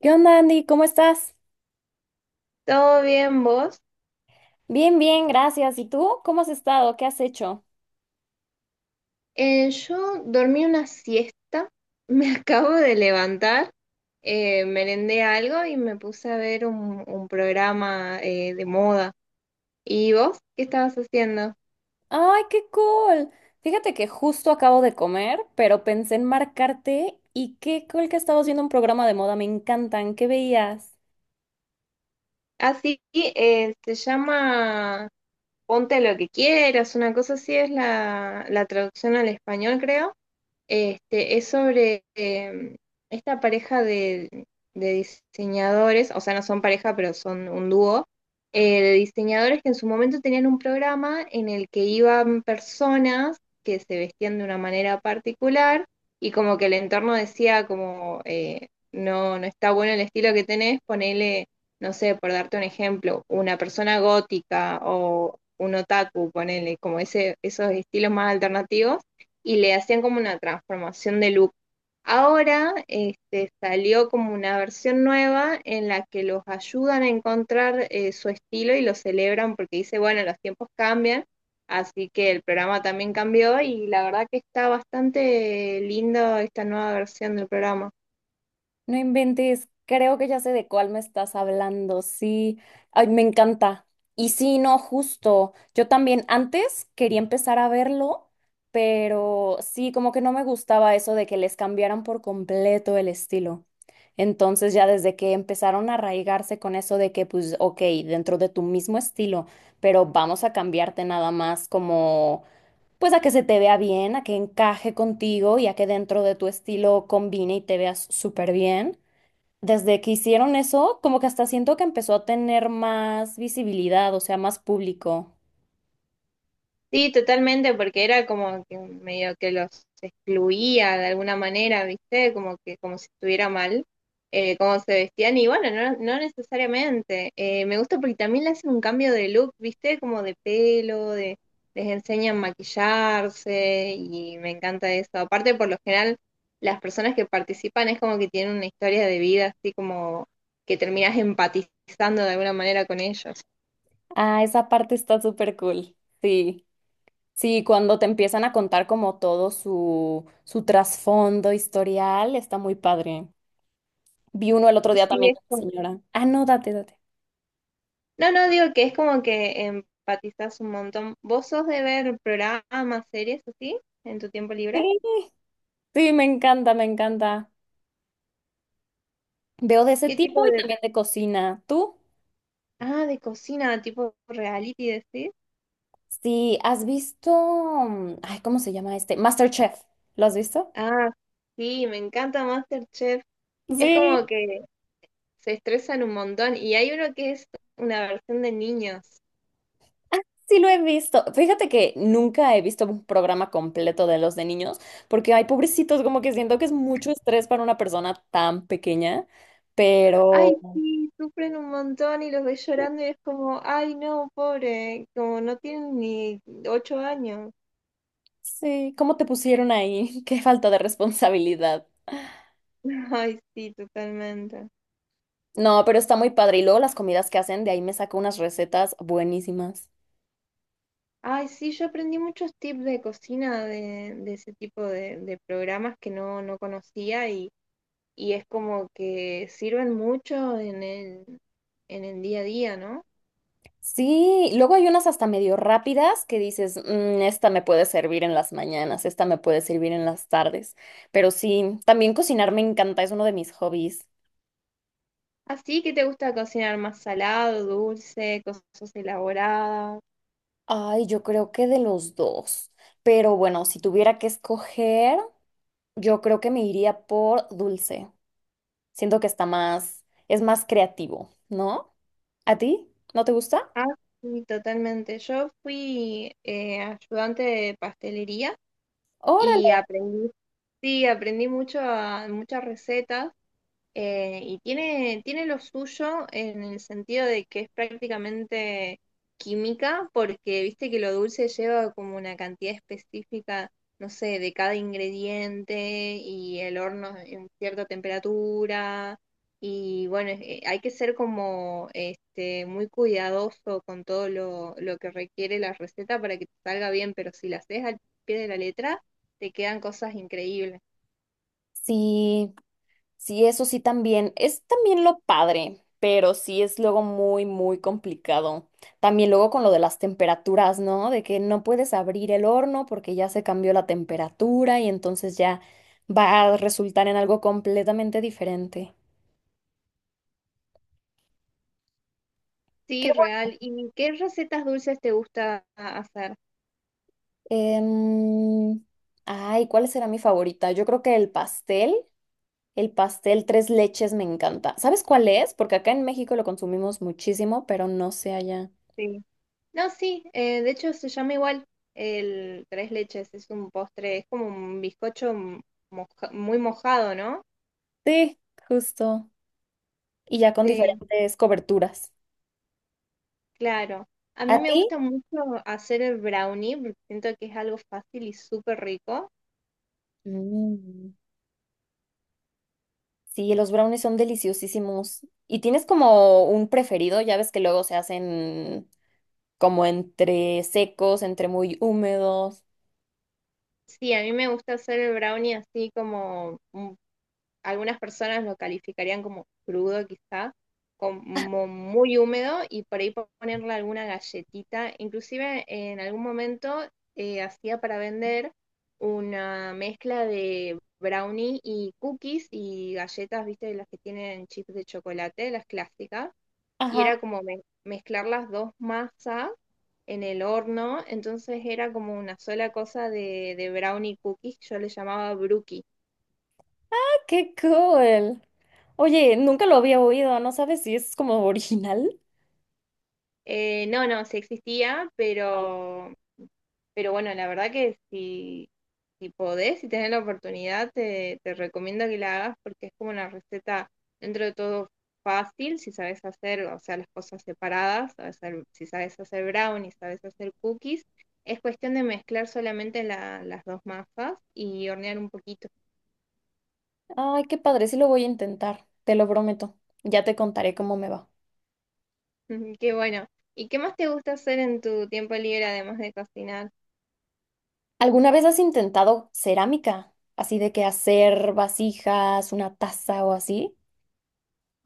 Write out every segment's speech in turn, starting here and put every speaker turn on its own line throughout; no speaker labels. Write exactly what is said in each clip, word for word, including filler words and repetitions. ¿Qué onda, Andy? ¿Cómo estás?
¿Todo bien vos?
Bien, bien, gracias. ¿Y tú? ¿Cómo has estado? ¿Qué has hecho?
Eh, yo dormí una siesta, me acabo de levantar, eh, merendé algo y me puse a ver un, un programa eh, de moda. ¿Y vos qué estabas haciendo?
¡Ay, qué cool! Fíjate que justo acabo de comer, pero pensé en marcarte y qué cool que estabas viendo un programa de moda, me encantan. ¿Qué veías?
Así se llama Ponte lo que quieras, una cosa así es la, la traducción al español, creo. Este, es sobre eh, esta pareja de, de diseñadores, o sea, no son pareja, pero son un dúo, eh, de diseñadores que en su momento tenían un programa en el que iban personas que se vestían de una manera particular y como que el entorno decía como, eh, no, no está bueno el estilo que tenés, ponele, no sé, por darte un ejemplo, una persona gótica o un otaku, ponele, como ese, esos estilos más alternativos y le hacían como una transformación de look. Ahora este, salió como una versión nueva en la que los ayudan a encontrar eh, su estilo y lo celebran porque dice, bueno, los tiempos cambian, así que el programa también cambió y la verdad que está bastante lindo esta nueva versión del programa.
No inventes, creo que ya sé de cuál me estás hablando, sí. Ay, me encanta. Y sí, no, justo. Yo también antes quería empezar a verlo, pero sí, como que no me gustaba eso de que les cambiaran por completo el estilo. Entonces ya desde que empezaron a arraigarse con eso de que, pues, ok, dentro de tu mismo estilo, pero vamos a cambiarte nada más como, pues a que se te vea bien, a que encaje contigo y a que dentro de tu estilo combine y te veas súper bien. Desde que hicieron eso, como que hasta siento que empezó a tener más visibilidad, o sea, más público.
Sí, totalmente, porque era como que medio que los excluía de alguna manera, ¿viste? Como que como si estuviera mal, eh, cómo se vestían, y bueno, no, no necesariamente. Eh, me gusta porque también le hacen un cambio de look, ¿viste? Como de pelo, de, les enseñan a maquillarse, y me encanta eso. Aparte, por lo general, las personas que participan es como que tienen una historia de vida, así como que terminás empatizando de alguna manera con ellos.
Ah, esa parte está súper cool. Sí, sí, cuando te empiezan a contar como todo su, su trasfondo historial, está muy padre. Vi uno el otro día
Sí,
también
es
de una
como
señora. Ah, no, date, date.
No, no, digo que es como que empatizas un montón. ¿Vos sos de ver programas, series así en tu tiempo libre?
Sí, sí, me encanta, me encanta. Veo de ese
¿Qué tipo
tipo y
de...
también de cocina. ¿Tú?
Ah, de cocina, tipo reality, decís?
Sí, ¿has visto? mm, Ay, ¿cómo se llama este? MasterChef. ¿Lo has visto?
Ah, sí, me encanta MasterChef. Es
Sí.
como que se estresan un montón y hay uno que es una versión de niños.
Sí lo he visto. Fíjate que nunca he visto un programa completo de los de niños, porque hay pobrecitos, como que siento que es mucho estrés para una persona tan pequeña,
Ay,
pero
sí, sufren un montón y los ves llorando y es como, ay, no, pobre, como no tienen ni ocho años.
sí, ¿cómo te pusieron ahí? Qué falta de responsabilidad.
Ay, sí, totalmente.
No, pero está muy padre. Y luego las comidas que hacen, de ahí me saco unas recetas buenísimas.
Ay, sí, yo aprendí muchos tips de cocina de, de ese tipo de, de programas que no, no conocía y, y es como que sirven mucho en el, en el día a día, ¿no?
Sí, luego hay unas hasta medio rápidas que dices, "Mm, esta me puede servir en las mañanas, esta me puede servir en las tardes. Pero sí, también cocinar me encanta, es uno de mis hobbies.
Así que te gusta cocinar más salado, dulce, cosas elaboradas.
Ay, yo creo que de los dos. Pero bueno, si tuviera que escoger, yo creo que me iría por dulce. Siento que está más, es más creativo, ¿no? ¿A ti? ¿No te gusta?
Ah, sí, totalmente. Yo fui eh, ayudante de pastelería y
Órale.
aprendí, sí, aprendí mucho a- muchas recetas. Eh, y tiene, tiene lo suyo en el sentido de que es prácticamente química, porque viste que lo dulce lleva como una cantidad específica, no sé, de cada ingrediente y el horno en cierta temperatura. Y bueno, es- eh, hay que ser como este, muy cuidadoso con todo lo, lo que requiere la receta para que te salga bien, pero si la haces al pie de la letra, te quedan cosas increíbles.
Sí, sí, eso sí también. Es también lo padre, pero sí es luego muy, muy complicado. También luego con lo de las temperaturas, ¿no? De que no puedes abrir el horno porque ya se cambió la temperatura y entonces ya va a resultar en algo completamente diferente. Qué
Sí,
bueno.
real. ¿Y qué recetas dulces te gusta hacer?
Em, Ay, ¿cuál será mi favorita? Yo creo que el pastel, el pastel tres leches me encanta. ¿Sabes cuál es? Porque acá en México lo consumimos muchísimo, pero no sé allá.
Sí. No, sí, eh, de hecho se llama igual el tres leches, es un postre, es como un bizcocho m- moja- muy mojado, ¿no?
Sí, justo. Y ya con
Sí,
diferentes coberturas.
claro. A mí
¿A
me
ti?
gusta mucho hacer el brownie, porque siento que es algo fácil y súper rico.
Mm, sí, los brownies son deliciosísimos. ¿Y tienes como un preferido? Ya ves que luego se hacen como entre secos, entre muy húmedos.
Sí, a mí me gusta hacer el brownie así como un algunas personas lo calificarían como crudo quizá, como muy húmedo y por ahí ponerle alguna galletita. Inclusive en algún momento eh, hacía para vender una mezcla de brownie y cookies y galletas, viste, las que tienen chips de chocolate, las clásicas, y
Ajá.
era como me- mezclar las dos masas en el horno, entonces era como una sola cosa de, de brownie cookies, yo le llamaba brookies.
¡Qué cool! Oye, nunca lo había oído, ¿no sabes si es como original?
Eh, no, no, sí existía, pero, pero bueno, la verdad que si, si podés, si tenés la oportunidad, te, te recomiendo que la hagas porque es como una receta dentro de todo fácil, si sabes hacer, o sea, las cosas separadas, sabes hacer- si sabes hacer brownies, sabes hacer cookies, es cuestión de mezclar solamente la- las dos masas y hornear un poquito.
Ay, qué padre, sí lo voy a intentar, te lo prometo. Ya te contaré cómo me va.
Qué bueno. ¿Y qué más te gusta hacer en tu tiempo libre además de cocinar?
¿Alguna vez has intentado cerámica? Así de que hacer vasijas, una taza o así.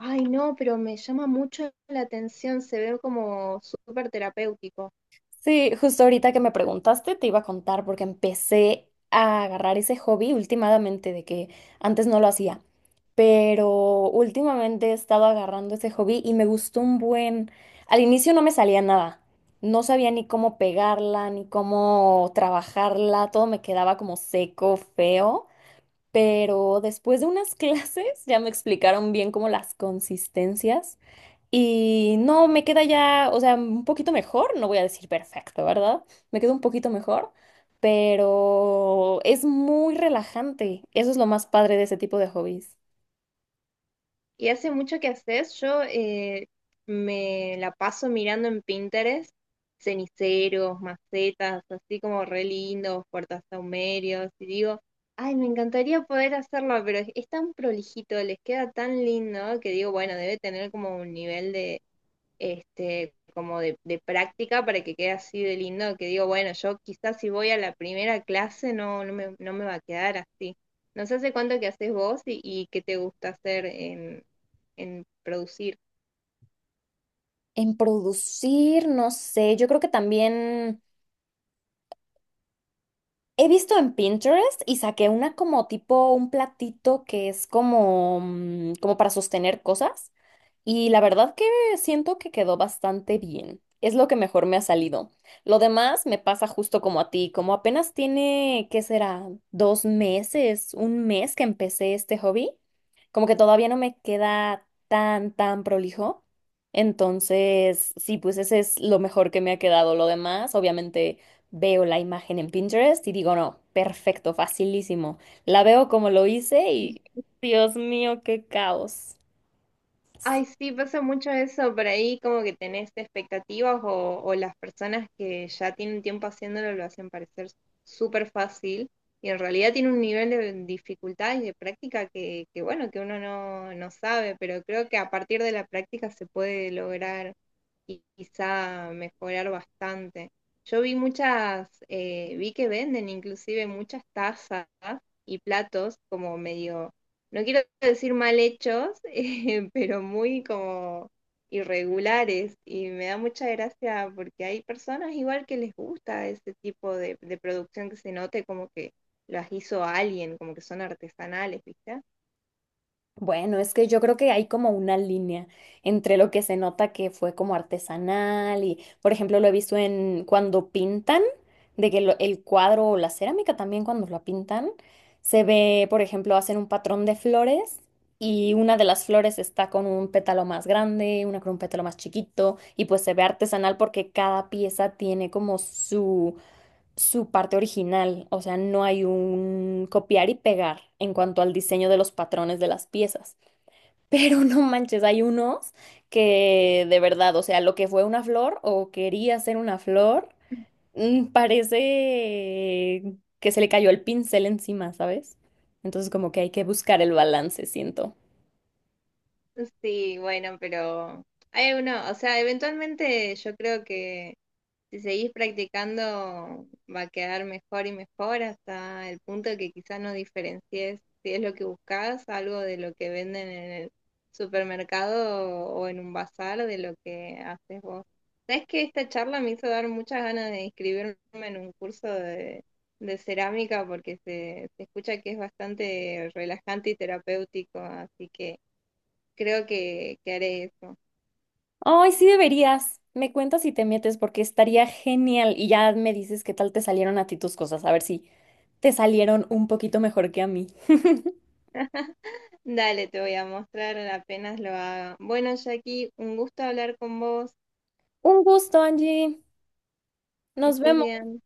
Ay, no, pero me llama mucho la atención, se ve como súper terapéutico.
Sí, justo ahorita que me preguntaste, te iba a contar porque empecé a agarrar ese hobby últimamente de que antes no lo hacía, pero últimamente he estado agarrando ese hobby y me gustó un buen. Al inicio no me salía nada, no sabía ni cómo pegarla, ni cómo trabajarla, todo me quedaba como seco, feo, pero después de unas clases ya me explicaron bien como las consistencias. Y no, me queda ya, o sea, un poquito mejor, no voy a decir perfecto, ¿verdad? Me queda un poquito mejor, pero es muy relajante. Eso es lo más padre de ese tipo de hobbies.
Y hace mucho que haces, yo eh, me la paso mirando en Pinterest, ceniceros, macetas, así como re lindos, puertasahumerios, y digo, ay, me encantaría poder hacerlo, pero es, es tan prolijito, les queda tan lindo que digo, bueno, debe tener como un nivel este, como de, de práctica para que quede así de lindo, que digo, bueno, yo quizás si voy a la primera clase no, no me, no me va a quedar así. No sé hace cuánto que haces vos y, y qué te gusta hacer en, en producir.
En producir, no sé, yo creo que también he visto en Pinterest y saqué una como tipo un platito que es como, mm, como para sostener cosas y la verdad que siento que quedó bastante bien. Es lo que mejor me ha salido. Lo demás me pasa justo como a ti, como apenas tiene, ¿qué será? Dos meses, un mes que empecé este hobby, como que todavía no me queda tan, tan prolijo. Entonces, sí, pues ese es lo mejor que me ha quedado. Lo demás, obviamente. Veo la imagen en Pinterest y digo, no, perfecto, facilísimo. La veo como lo hice y Dios mío, qué caos.
Ay, sí, pasa mucho eso por ahí, como que tenés expectativas o, o las personas que ya tienen tiempo haciéndolo lo hacen parecer súper fácil y en realidad tiene un nivel de dificultad y de práctica que, que bueno, que uno no, no sabe, pero creo que a partir de la práctica se puede lograr y quizá mejorar bastante. Yo vi muchas, eh, vi que venden inclusive muchas tazas y platos como medio no quiero decir mal hechos, eh, pero muy como irregulares y me da mucha gracia porque hay personas igual que les gusta ese tipo de, de producción que se note como que las hizo alguien, como que son artesanales, ¿viste?
Bueno, es que yo creo que hay como una línea entre lo que se nota que fue como artesanal y, por ejemplo, lo he visto en cuando pintan, de que lo- el cuadro o la cerámica también cuando la pintan, se ve, por ejemplo, hacen un patrón de flores y una de las flores está con un pétalo más grande, una con un pétalo más chiquito y pues se ve artesanal porque cada pieza tiene como su, su parte original, o sea, no hay un copiar y pegar en cuanto al diseño de los patrones de las piezas. Pero no manches, hay unos que de verdad, o sea, lo que fue una flor o quería ser una flor, mm, parece que se le cayó el pincel encima, ¿sabes? Entonces como que hay que buscar el balance, siento.
Sí, bueno, pero hay uno, o sea, eventualmente yo creo que si seguís practicando va a quedar mejor y mejor hasta el punto que quizás no diferencies si es lo que buscas, algo de lo que venden en el supermercado o, en un bazar de lo que haces vos. Sabes que esta charla me hizo dar muchas ganas de inscribirme en un curso de, de cerámica porque se, se escucha que es bastante relajante y terapéutico, así que creo que, que haré eso.
Ay, sí deberías. Me cuentas si te metes porque estaría genial y ya me dices qué tal te salieron a ti tus cosas, a ver si te salieron un poquito mejor que a mí.
Dale, te voy a mostrar apenas lo haga. Bueno, Jackie, un gusto hablar con vos.
Un gusto, Angie.
Que
Nos
estés
vemos.
bien.